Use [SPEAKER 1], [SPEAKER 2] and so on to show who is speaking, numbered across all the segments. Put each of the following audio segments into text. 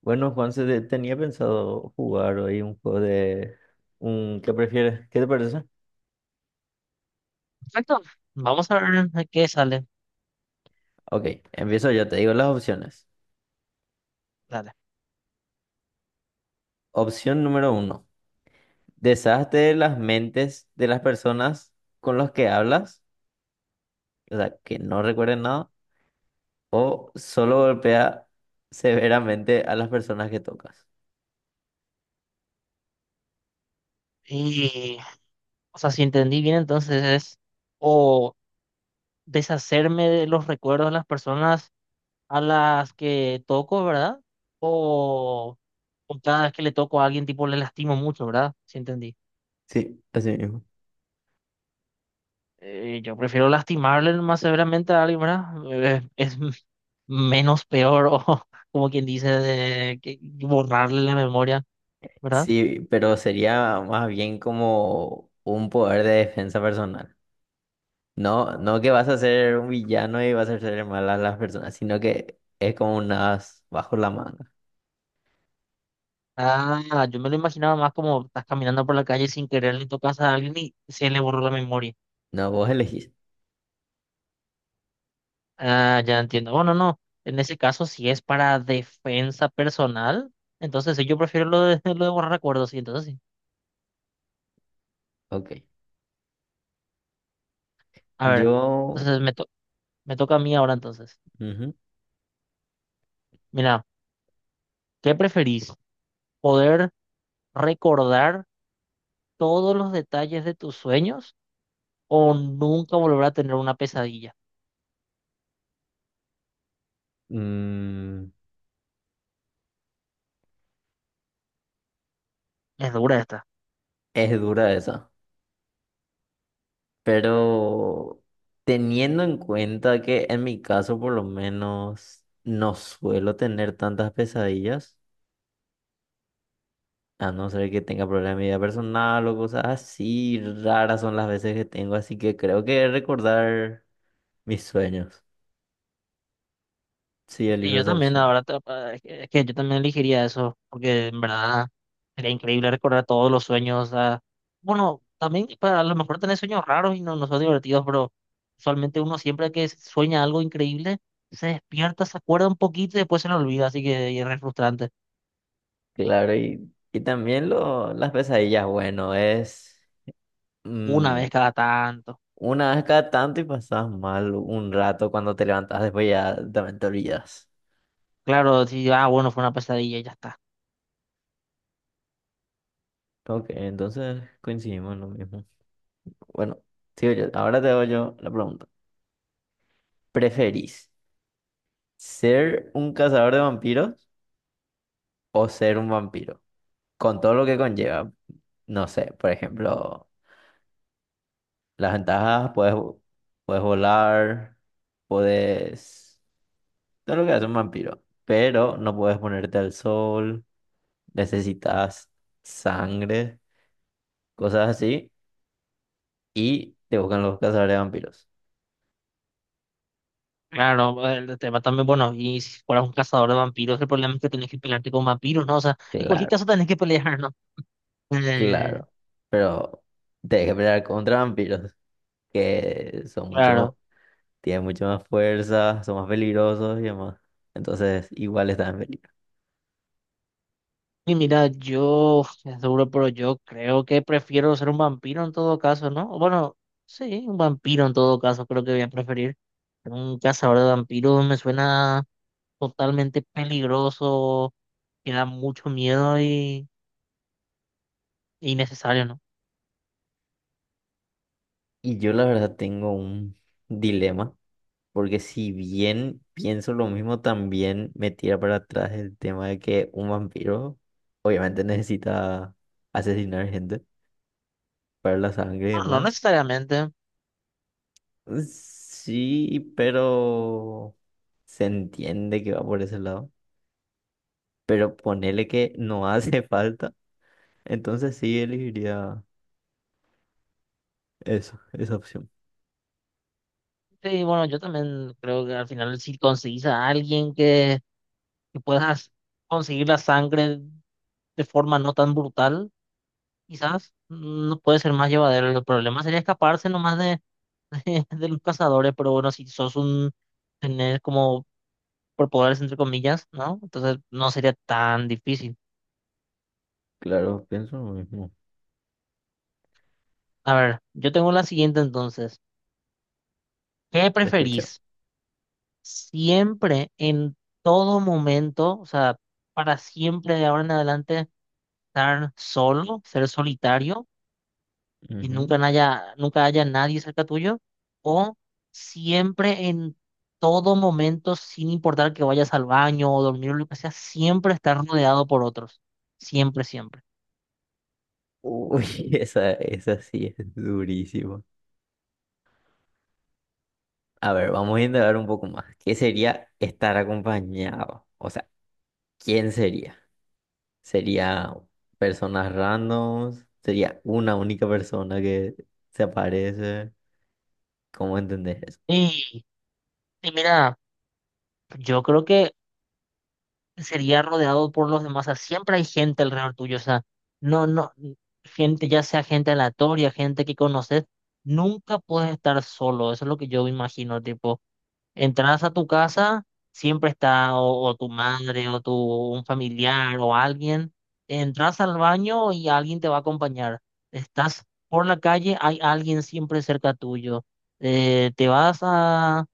[SPEAKER 1] Bueno, Juan, tenía pensado jugar hoy un juego de... ¿qué prefieres? ¿Qué te parece?
[SPEAKER 2] Perfecto. Vamos a ver a qué sale.
[SPEAKER 1] Ok, empiezo yo, te digo las opciones.
[SPEAKER 2] Dale.
[SPEAKER 1] Opción número uno, deshazte de las mentes de las personas con las que hablas, o sea, que no recuerden nada, o solo golpea severamente a las personas que tocas.
[SPEAKER 2] Y, o sea, si entendí bien, entonces es o deshacerme de los recuerdos de las personas a las que toco, ¿verdad? O, cada vez que le toco a alguien, tipo, le lastimo mucho, ¿verdad? Si entendí.
[SPEAKER 1] Sí, así mismo.
[SPEAKER 2] Yo prefiero lastimarle más severamente a alguien, ¿verdad? Es menos peor, o como quien dice, de, que borrarle la memoria, ¿verdad?
[SPEAKER 1] Sí, pero sería más bien como un poder de defensa personal. No, no que vas a ser un villano y vas a hacer mal a las personas, sino que es como un as bajo la manga.
[SPEAKER 2] Ah, yo me lo imaginaba más como estás caminando por la calle sin querer le tocas a alguien y se le borró la memoria.
[SPEAKER 1] No, vos elegís.
[SPEAKER 2] Ah, ya entiendo. Bueno, no. En ese caso, si es para defensa personal, entonces sí, yo prefiero lo de, lo de borrar recuerdos, sí, entonces sí.
[SPEAKER 1] Ok.
[SPEAKER 2] A ver,
[SPEAKER 1] Yo...
[SPEAKER 2] entonces me, me toca a mí ahora entonces.
[SPEAKER 1] Ujú.
[SPEAKER 2] Mira, ¿qué preferís? ¿Poder recordar todos los detalles de tus sueños o nunca volver a tener una pesadilla?
[SPEAKER 1] Mm,
[SPEAKER 2] Es dura esta.
[SPEAKER 1] es dura esa. Pero teniendo en cuenta que en mi caso por lo menos no suelo tener tantas pesadillas, a no ser que tenga problemas de mi vida personal o cosas así, raras son las veces que tengo, así que creo que recordar mis sueños. Sí,
[SPEAKER 2] Sí,
[SPEAKER 1] elijo
[SPEAKER 2] yo
[SPEAKER 1] esa
[SPEAKER 2] también,
[SPEAKER 1] opción.
[SPEAKER 2] ahora, es que yo también elegiría eso, porque en verdad... Sería increíble recordar todos los sueños. Ah, bueno, también para, a lo mejor tener sueños raros y no, no son divertidos, pero usualmente uno siempre que sueña algo increíble, se despierta, se acuerda un poquito y después se lo olvida, así que y es re frustrante.
[SPEAKER 1] Claro, y también lo, las pesadillas, bueno, es
[SPEAKER 2] Una
[SPEAKER 1] mm,
[SPEAKER 2] vez cada tanto.
[SPEAKER 1] una vez cada tanto y pasas mal un rato cuando te levantas, después ya también te olvidas.
[SPEAKER 2] Claro, sí, ah, bueno, fue una pesadilla y ya está.
[SPEAKER 1] Ok, entonces coincidimos en lo mismo. Bueno, sigo yo. Ahora te hago yo la pregunta. ¿Preferís ser un cazador de vampiros o ser un vampiro? Con todo lo que conlleva. No sé, por ejemplo, las ventajas, puedes, volar, puedes... No lo que hace un vampiro, pero no puedes ponerte al sol, necesitas sangre, cosas así, y te buscan los cazadores de vampiros.
[SPEAKER 2] Claro, el tema también, bueno, y si fueras un cazador de vampiros, el problema es que tenés que pelearte con vampiros, ¿no? O sea, en cualquier
[SPEAKER 1] Claro,
[SPEAKER 2] caso tenés que pelear, ¿no? Eh,
[SPEAKER 1] claro. Pero tienes que pelear contra vampiros, que son mucho más,
[SPEAKER 2] claro.
[SPEAKER 1] tienen mucho más fuerza, son más peligrosos y demás. Entonces, igual están en peligro.
[SPEAKER 2] Y mira, yo, es duro, pero yo creo que prefiero ser un vampiro en todo caso, ¿no? O bueno, sí, un vampiro en todo caso, creo que voy a preferir. Un cazador de vampiros me suena totalmente peligroso, que da mucho miedo y innecesario, ¿no?
[SPEAKER 1] Y yo la verdad tengo un dilema. Porque si bien pienso lo mismo, también me tira para atrás el tema de que un vampiro obviamente necesita asesinar gente para la sangre y
[SPEAKER 2] Bueno, no
[SPEAKER 1] demás.
[SPEAKER 2] necesariamente.
[SPEAKER 1] Sí, pero se entiende que va por ese lado. Pero ponele que no hace falta. Entonces sí elegiría eso, esa opción.
[SPEAKER 2] Sí, bueno, yo también creo que al final si conseguís a alguien que puedas conseguir la sangre de forma no tan brutal, quizás no puede ser más llevadero. El problema sería escaparse nomás de los cazadores, pero bueno, si sos un tener como por poderes entre comillas, ¿no? Entonces no sería tan difícil.
[SPEAKER 1] Claro, pienso lo mismo.
[SPEAKER 2] A ver, yo tengo la siguiente entonces. ¿Qué
[SPEAKER 1] Te escucha.
[SPEAKER 2] preferís? Siempre, en todo momento, o sea, para siempre de ahora en adelante, estar solo, ser solitario y
[SPEAKER 1] Ujú.
[SPEAKER 2] nunca haya, nunca haya nadie cerca tuyo, o siempre en todo momento, sin importar que vayas al baño o dormir o lo que sea, siempre estar rodeado por otros, siempre, siempre.
[SPEAKER 1] Uy, esa sí es durísima. A ver, vamos a indagar un poco más. ¿Qué sería estar acompañado? O sea, ¿quién sería? ¿Sería personas randoms? ¿Sería una única persona que se aparece? ¿Cómo entendés eso?
[SPEAKER 2] Y, mira, yo creo que sería rodeado por los demás, o sea, siempre hay gente alrededor tuyo, o sea, no, no, gente, ya sea gente aleatoria, gente que conoces, nunca puedes estar solo, eso es lo que yo me imagino, tipo. Entras a tu casa, siempre está o, tu madre o tu un familiar o alguien. Entras al baño y alguien te va a acompañar. Estás por la calle, hay alguien siempre cerca tuyo. Te vas a,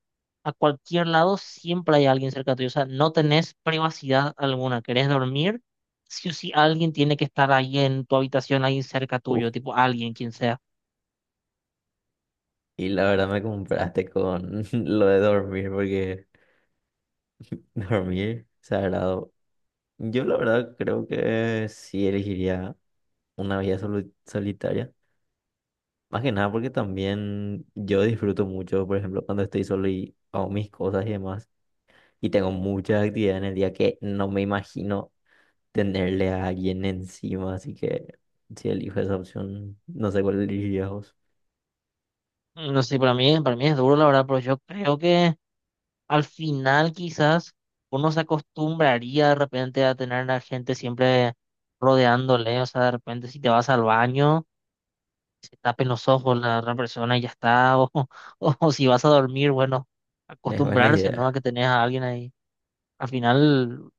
[SPEAKER 2] cualquier lado, siempre hay alguien cerca tuyo. O sea, no tenés privacidad alguna. ¿Querés dormir? Sí o sí, alguien tiene que estar ahí en tu habitación, ahí cerca
[SPEAKER 1] Uf,
[SPEAKER 2] tuyo, tipo alguien, quien sea.
[SPEAKER 1] y la verdad me compraste con lo de dormir, porque dormir sagrado. Yo la verdad creo que sí elegiría una vida solitaria. Más que nada porque también yo disfruto mucho, por ejemplo, cuando estoy solo y hago mis cosas y demás. Y tengo muchas actividades en el día que no me imagino tenerle a alguien encima, así que si elijo esa opción, no sé cuál elegirías vos.
[SPEAKER 2] No sé, para mí es duro, la verdad, pero yo creo que al final quizás uno se acostumbraría de repente a tener a la gente siempre rodeándole, o sea, de repente si te vas al baño, se tapen los ojos la otra persona y ya está, o, o, si vas a dormir, bueno,
[SPEAKER 1] Es buena
[SPEAKER 2] acostumbrarse, ¿no? A
[SPEAKER 1] idea.
[SPEAKER 2] que tenés a alguien ahí. Al final,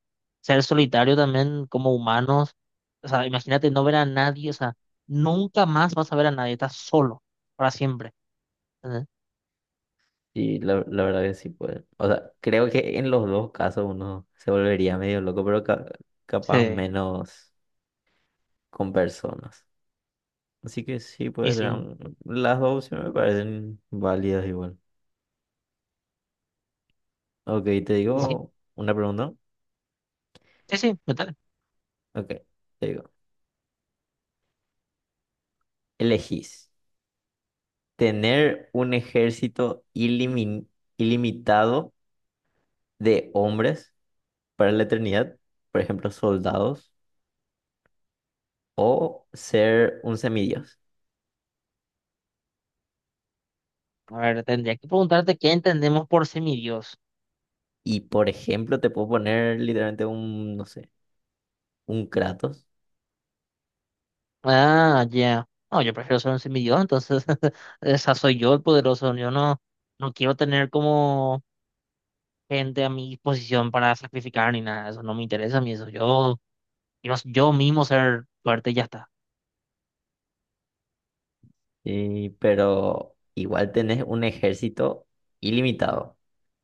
[SPEAKER 2] ser solitario también como humanos, o sea, imagínate no ver a nadie, o sea, nunca más vas a ver a nadie, estás solo, para siempre. ¿Entendés?
[SPEAKER 1] Y la verdad que sí puede. O sea, creo que en los dos casos uno se volvería medio loco, pero capaz
[SPEAKER 2] Sí,
[SPEAKER 1] menos con personas. Así que sí
[SPEAKER 2] y
[SPEAKER 1] puede ser.
[SPEAKER 2] sí,
[SPEAKER 1] Las dos opciones me parecen válidas igual. Ok, te
[SPEAKER 2] y sí,
[SPEAKER 1] digo una pregunta.
[SPEAKER 2] sí, sí, total.
[SPEAKER 1] Ok, te digo. Elegís. Tener un ejército ilimitado de hombres para la eternidad, por ejemplo, soldados, o ser un semidios.
[SPEAKER 2] A ver, tendría que preguntarte qué entendemos por semidios.
[SPEAKER 1] Y por ejemplo, te puedo poner literalmente un, no sé, un Kratos,
[SPEAKER 2] Ah, ya. No, yo prefiero ser un semidios, entonces esa soy yo el poderoso. Yo no quiero tener como gente a mi disposición para sacrificar ni nada. Eso no me interesa a mí. Eso yo quiero yo mismo ser fuerte y ya está.
[SPEAKER 1] pero igual tenés un ejército ilimitado.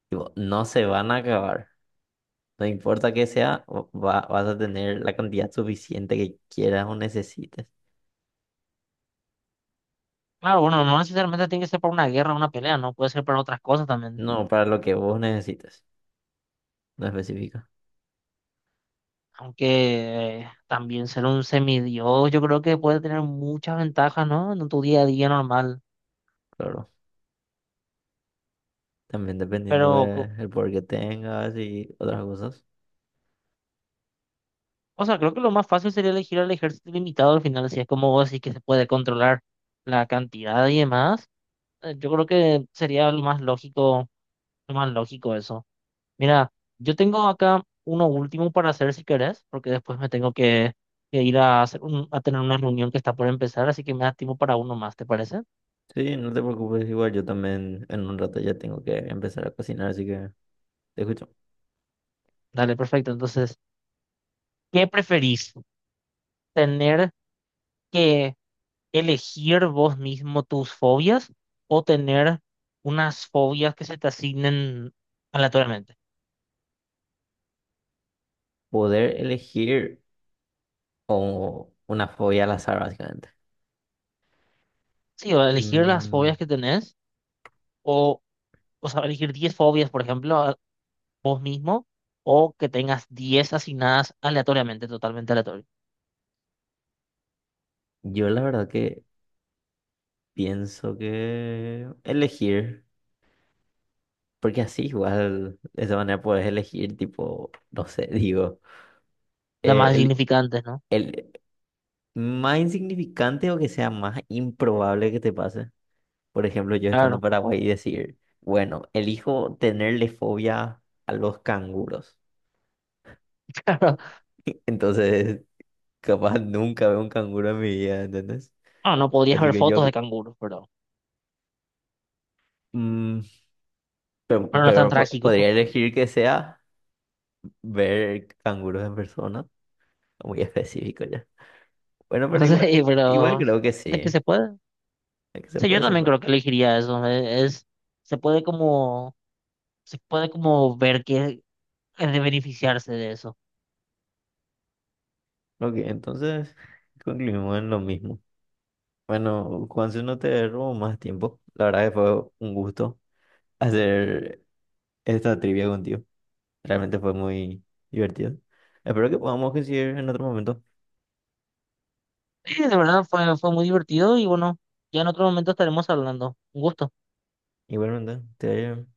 [SPEAKER 1] Tipo, no se van a acabar. No importa que sea, vas a tener la cantidad suficiente que quieras o necesites.
[SPEAKER 2] Claro, bueno, no necesariamente tiene que ser para una guerra, una pelea, no puede ser para otras cosas también.
[SPEAKER 1] No, para lo que vos necesites. No específica,
[SPEAKER 2] Aunque también ser un semidios, yo creo que puede tener muchas ventajas, ¿no? En tu día a día normal.
[SPEAKER 1] claro. También dependiendo
[SPEAKER 2] Pero
[SPEAKER 1] del poder que tengas y otras cosas.
[SPEAKER 2] o sea, creo que lo más fácil sería elegir al ejército limitado al final, si es como vos decís que se puede controlar la cantidad y demás. Yo creo que sería lo más lógico eso. Mira, yo tengo acá uno último para hacer si querés, porque después me tengo que, ir a hacer a tener una reunión que está por empezar, así que me da tiempo para uno más, ¿te parece?
[SPEAKER 1] Sí, no te preocupes, igual yo también en un rato ya tengo que empezar a cocinar, así que te escucho.
[SPEAKER 2] Dale, perfecto. Entonces, ¿qué preferís? ¿Tener que elegir vos mismo tus fobias o tener unas fobias que se te asignen aleatoriamente?
[SPEAKER 1] Poder elegir o una fobia al azar, básicamente.
[SPEAKER 2] Sí, o elegir las
[SPEAKER 1] Mm,
[SPEAKER 2] fobias que tenés, o, o sea, elegir 10 fobias, por ejemplo, vos mismo, o que tengas 10 asignadas aleatoriamente, totalmente aleatorio.
[SPEAKER 1] yo la verdad que pienso que elegir, porque así igual de esa manera puedes elegir, tipo, no sé, digo,
[SPEAKER 2] Las
[SPEAKER 1] eh,
[SPEAKER 2] más
[SPEAKER 1] el,
[SPEAKER 2] significantes, ¿no?
[SPEAKER 1] el más insignificante o que sea más improbable que te pase. Por ejemplo, yo estando en
[SPEAKER 2] Claro,
[SPEAKER 1] Paraguay y decir, bueno, elijo tenerle fobia a los canguros.
[SPEAKER 2] claro.
[SPEAKER 1] Entonces, capaz nunca veo un canguro en mi vida, ¿entendés?
[SPEAKER 2] No, no podrías
[SPEAKER 1] Así
[SPEAKER 2] ver
[SPEAKER 1] que yo,
[SPEAKER 2] fotos de canguros,
[SPEAKER 1] mm,
[SPEAKER 2] pero no es tan
[SPEAKER 1] pero
[SPEAKER 2] trágico.
[SPEAKER 1] podría elegir que sea ver canguros en persona. Muy específico ya. Bueno, pero
[SPEAKER 2] No
[SPEAKER 1] igual,
[SPEAKER 2] sé,
[SPEAKER 1] igual
[SPEAKER 2] pero
[SPEAKER 1] creo que
[SPEAKER 2] de que
[SPEAKER 1] sí.
[SPEAKER 2] se puede.
[SPEAKER 1] Es que se
[SPEAKER 2] Sí, yo
[SPEAKER 1] puede, se
[SPEAKER 2] también
[SPEAKER 1] puede.
[SPEAKER 2] creo que elegiría eso. Es, se puede como se puede como ver que es de beneficiarse de eso.
[SPEAKER 1] Ok, entonces concluimos en lo mismo. Bueno, Juanse, no te robo más tiempo. La verdad que fue un gusto hacer esta trivia contigo. Realmente fue muy divertido. Espero que podamos coincidir en otro momento.
[SPEAKER 2] Sí, de verdad fue muy divertido y bueno, ya en otro momento estaremos hablando. Un gusto.
[SPEAKER 1] Igualmente, te vaya bien.